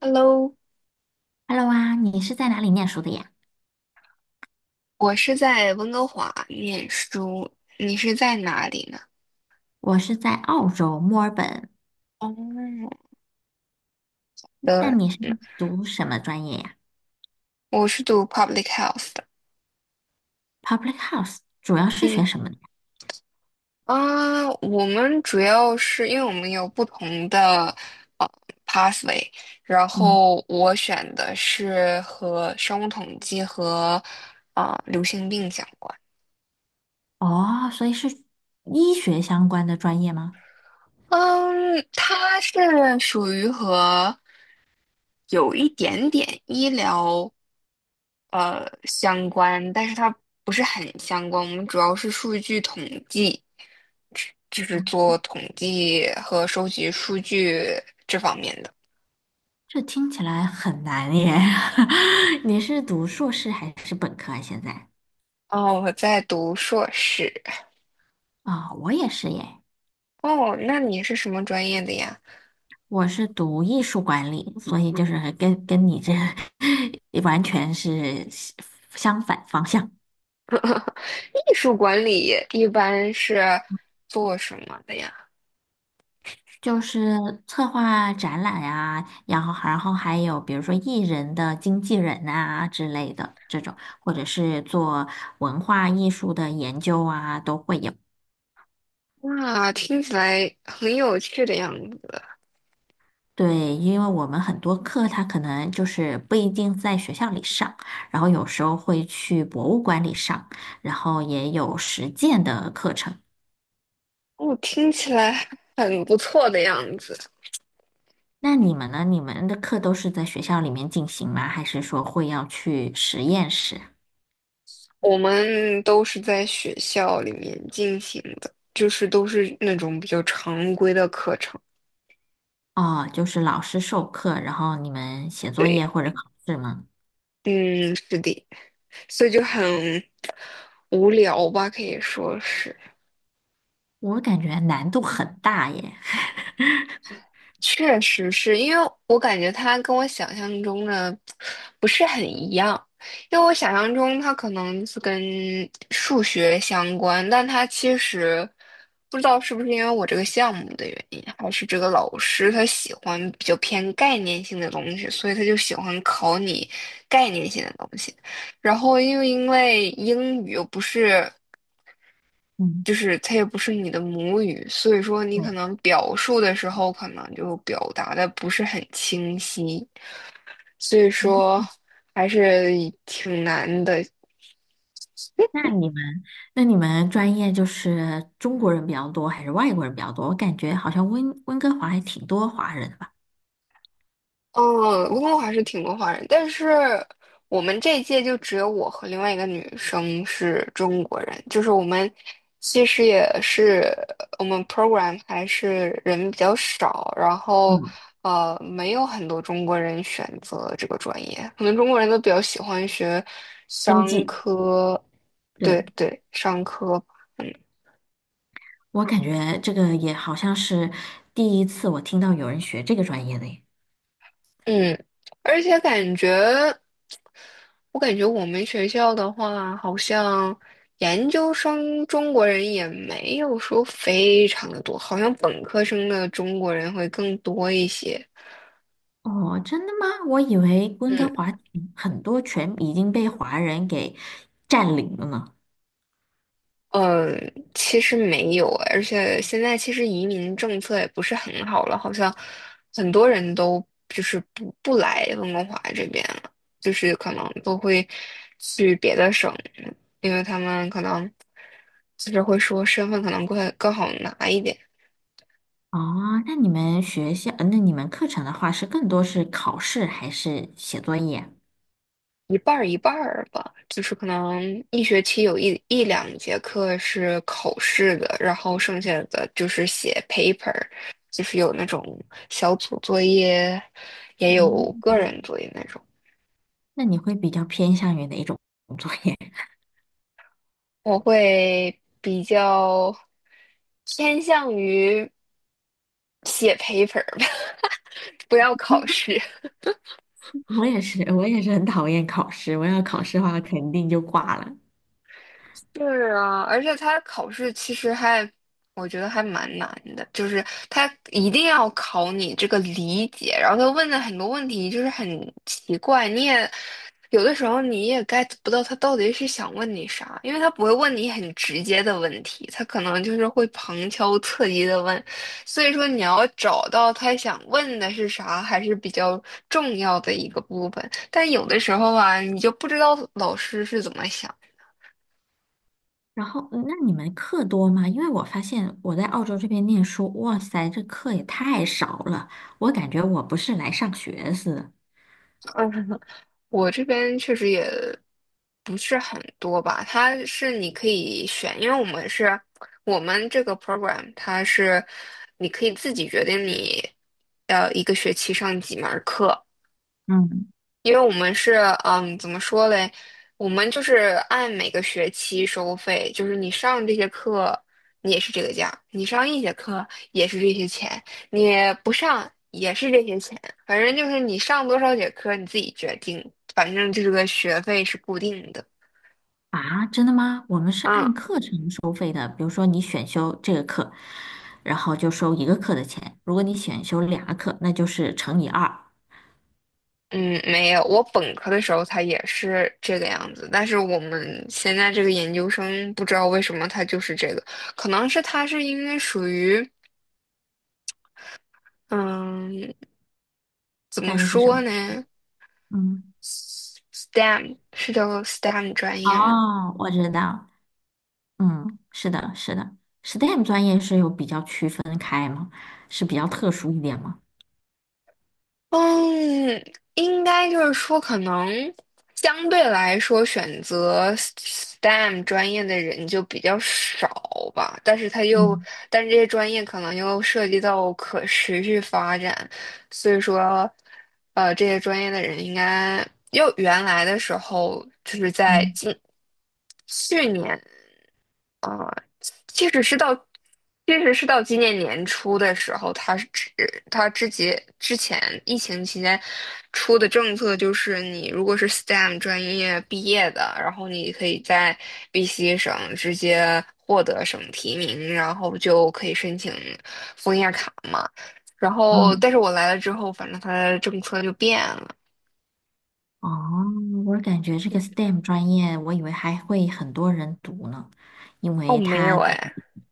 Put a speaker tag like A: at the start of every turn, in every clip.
A: Hello，
B: Hello 啊，你是在哪里念书的呀？
A: 我是在温哥华念书，你是在哪里呢？
B: 我是在澳洲墨尔本，
A: 哦，对，
B: 但你是读什么专业呀
A: 我是读 public health 的。
B: ？Public Health 主要是
A: 嗯
B: 学什么的呀？
A: 啊，我们主要是因为我们有不同的呃 pathway，然
B: 嗯。
A: 后我选的是和生物统计和流行病相关。
B: 哦，所以是医学相关的专业吗？
A: 嗯，它是属于和有一点点医疗相关，但是它不是很相关。我们主要是数据统计，就是做统计和收集数据这方面的。
B: 这听起来很难耶。你是读硕士还是本科啊？现在？
A: 哦，我在读硕士。
B: 啊、我也是耶，
A: 哦，那你是什么专业的呀？
B: 我是读艺术管理，所以就是跟你这 完全是相反方向。
A: 艺术管理一般是做什么的呀？
B: 就是策划展览啊，然后还有比如说艺人的经纪人啊之类的这种，或者是做文化艺术的研究啊，都会有。
A: 哇，听起来很有趣的样子。
B: 对，因为我们很多课它可能就是不一定在学校里上，然后有时候会去博物馆里上，然后也有实践的课程。
A: 哦，听起来很不错的样子。
B: 那你们呢？你们的课都是在学校里面进行吗？还是说会要去实验室啊？
A: 我们都是在学校里面进行的，就是都是那种比较常规的课程。
B: 哦，就是老师授课，然后你们写作业
A: 对，
B: 或者考试吗？
A: 嗯，是的，所以就很无聊吧，可以说是。
B: 我感觉难度很大耶。
A: 确实是因为我感觉它跟我想象中的不是很一样，因为我想象中它可能是跟数学相关，但它其实不知道是不是因为我这个项目的原因，还是这个老师他喜欢比较偏概念性的东西，所以他就喜欢考你概念性的东西。然后又因为英语又不是。
B: 嗯，
A: 就是它也不是你的母语，所以说你可
B: 对，
A: 能表述的时候，可能就表达的不是很清晰，所以说
B: 嗯，
A: 还是挺难的。
B: 那你们那你们专业就是中国人比较多还是外国人比较多？我感觉好像温哥华还挺多华人的吧。
A: 嗯，不过还是挺多华人，但是我们这一届就只有我和另外一个女生是中国人，就是我们其实也是我们 program 还是人比较少，然后
B: 嗯，
A: 没有很多中国人选择这个专业，可能中国人都比较喜欢学
B: 经
A: 商
B: 济，
A: 科，对
B: 对，
A: 对，商科。嗯。
B: 我感觉这个也好像是第一次我听到有人学这个专业的耶。
A: 嗯，而且感觉，我感觉我们学校的话，好像研究生中国人也没有说非常的多，好像本科生的中国人会更多一些。
B: 哦，真的吗？我以为温哥
A: 嗯。
B: 华很多全已经被华人给占领了呢。
A: 嗯，其实没有，而且现在其实移民政策也不是很好了，好像很多人都就是不来温哥华这边了，就是可能都会去别的省，因为他们可能就是会说身份可能会更好拿一点。
B: 哦，那你们学校，那你们课程的话是更多是考试还是写作业？
A: 一半儿一半儿吧，就是可能一学期有一两节课是考试的，然后剩下的就是写 paper，就是有那种小组作业，也有
B: 嗯，
A: 个人作业那种。
B: 那你会比较偏向于哪一种作业？
A: 我会比较偏向于写 paper 吧，不要考试。
B: 我也是，我也是很讨厌考试。我要考试的话，肯定就挂了。
A: 是啊，而且他考试其实还，我觉得还蛮难的，就是他一定要考你这个理解，然后他问的很多问题就是很奇怪，你也有的时候你也 get 不到他到底是想问你啥，因为他不会问你很直接的问题，他可能就是会旁敲侧击的问，所以说你要找到他想问的是啥，还是比较重要的一个部分，但有的时候啊，你就不知道老师是怎么想。
B: 然后，那你们课多吗？因为我发现我在澳洲这边念书，哇塞，这课也太少了，我感觉我不是来上学似的。
A: 的。我这边确实也不是很多吧，它是你可以选，因为我们是我们这个 program，它是你可以自己决定你要一个学期上几门儿课，
B: 嗯。
A: 因为我们是，嗯，怎么说嘞？我们就是按每个学期收费，就是你上这些课，你也是这个价；你上一节课也是这些钱，你不上也是这些钱。反正就是你上多少节课你自己决定，反正这个学费是固定的。
B: 啊，真的吗？我们是
A: 嗯
B: 按课程收费的，比如说你选修这个课，然后就收一个课的钱；如果你选修两个课，那就是乘以二，
A: 嗯，没有，我本科的时候它也是这个样子，但是我们现在这个研究生不知道为什么它就是这个，可能是它是因为属于。嗯，怎么
B: 大概是什
A: 说
B: 么？
A: 呢
B: 嗯，
A: ？STEM 是叫 STEM 专业吗？
B: 哦，我知道，嗯，是的，是的，STEM 专业是有比较区分开吗？是比较特殊一点吗？
A: 嗯，应该就是说，可能相对来说，选择 STEM 专业的人就比较少吧。但是他又，
B: 嗯
A: 但是这些专业可能又涉及到可持续发展，所以说，这些专业的人应该，又原来的时候就是在
B: 嗯
A: 近去年。即使是到，即使是到今年年初的时候，他之前疫情期间出的政策就是，你如果是 STEM 专业毕业的，然后你可以在 BC 省直接获得省提名，然后就可以申请枫叶卡嘛。然后，
B: 嗯，
A: 但是我来了之后，反正他的政策就变了，
B: 哦，我感觉这个 STEM 专业，我以为还会很多人读呢，因
A: 哦，
B: 为
A: 没有
B: 它，
A: 哎，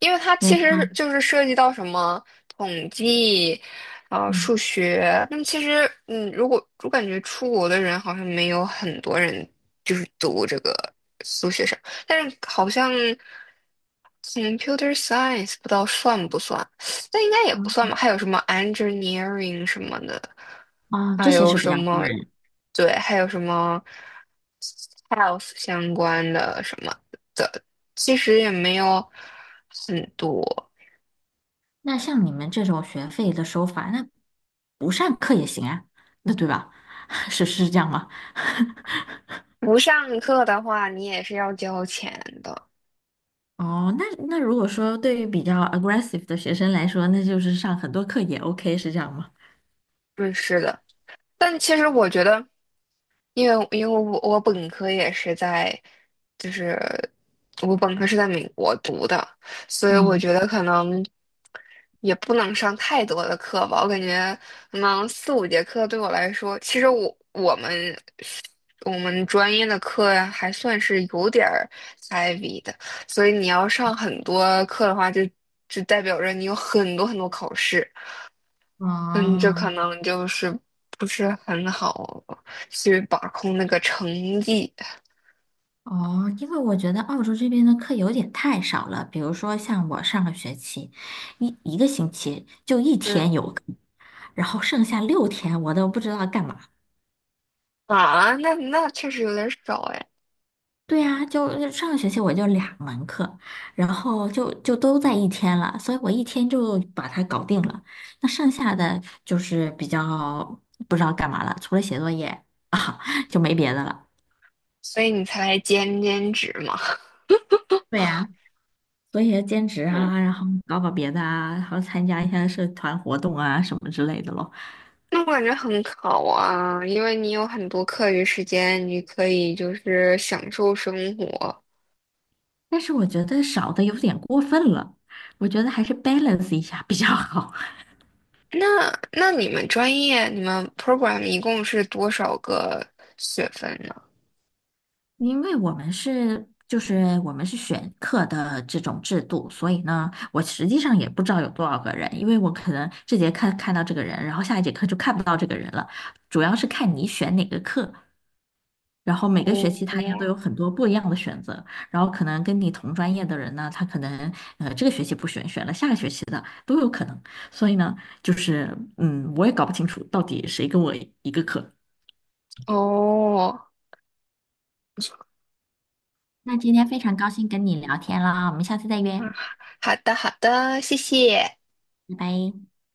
A: 因为它
B: 因为
A: 其实
B: 它，
A: 就是涉及到什么统计，
B: 嗯，
A: 数学。那么其实，嗯，如果我感觉出国的人好像没有很多人就是读这个数学上，但是好像 computer science 不知道算不算，但应该也不算吧。还有什么 engineering 什么的，
B: 啊，这
A: 还
B: 些
A: 有
B: 是比
A: 什
B: 较多
A: 么，
B: 人。
A: 对，还有什么 health 相关的什么。的。其实也没有很多。
B: 那像你们这种学费的收法，那不上课也行啊，那对吧？是是这样吗？
A: 不上课的话，你也是要交钱的。
B: 哦，那那如果说对于比较 aggressive 的学生来说，那就是上很多课也 OK，是这样吗？
A: 嗯，是的。但其实我觉得，因为我本科也是在，就是我本科是在美国读的，所以我觉
B: 嗯，
A: 得可能。也不能上太多的课吧，我感觉可能四五节课对我来说，其实我们专业的课呀还算是有点儿 heavy 的，所以你要上很多课的话就，就代表着你有很多很多考试，嗯，这可
B: 哦
A: 能就是不是很好去把控那个成绩，
B: 哦，因为我觉得澳洲这边的课有点太少了，比如说像我上个学期一个星期就一
A: 嗯
B: 天有课，然后剩下六天我都不知道干嘛。
A: 啊，那那确实有点少哎，
B: 对呀，就上个学期我就两门课，然后就都在一天了，所以我一天就把它搞定了。那剩下的就是比较不知道干嘛了，除了写作业啊，就没别的了。
A: 所以你才兼职嘛。
B: 对呀，所以兼职啊，然后搞搞别的啊，然后参加一下社团活动啊什么之类的咯。
A: 那我感觉很好啊，因为你有很多课余时间，你可以就是享受生活。
B: 但是我觉得少的有点过分了，我觉得还是 balance 一下比较好。
A: 那那你们专业，你们 program 一共是多少个学分呢？
B: 因为我们是就是我们是选课的这种制度，所以呢，我实际上也不知道有多少个人，因为我可能这节课看到这个人，然后下一节课就看不到这个人了，主要是看你选哪个课，然后每个学期
A: 哦，
B: 他也都有很多不一样的选择，然后可能跟你同专业的人呢，他可能这个学期不选，选了下个学期的都有可能，所以呢，就是嗯，我也搞不清楚到底谁跟我一个课。
A: 哦，
B: 那今天非常高兴跟你聊天啊，我们下次再约，
A: 嗯好的好的，谢谢。
B: 拜拜。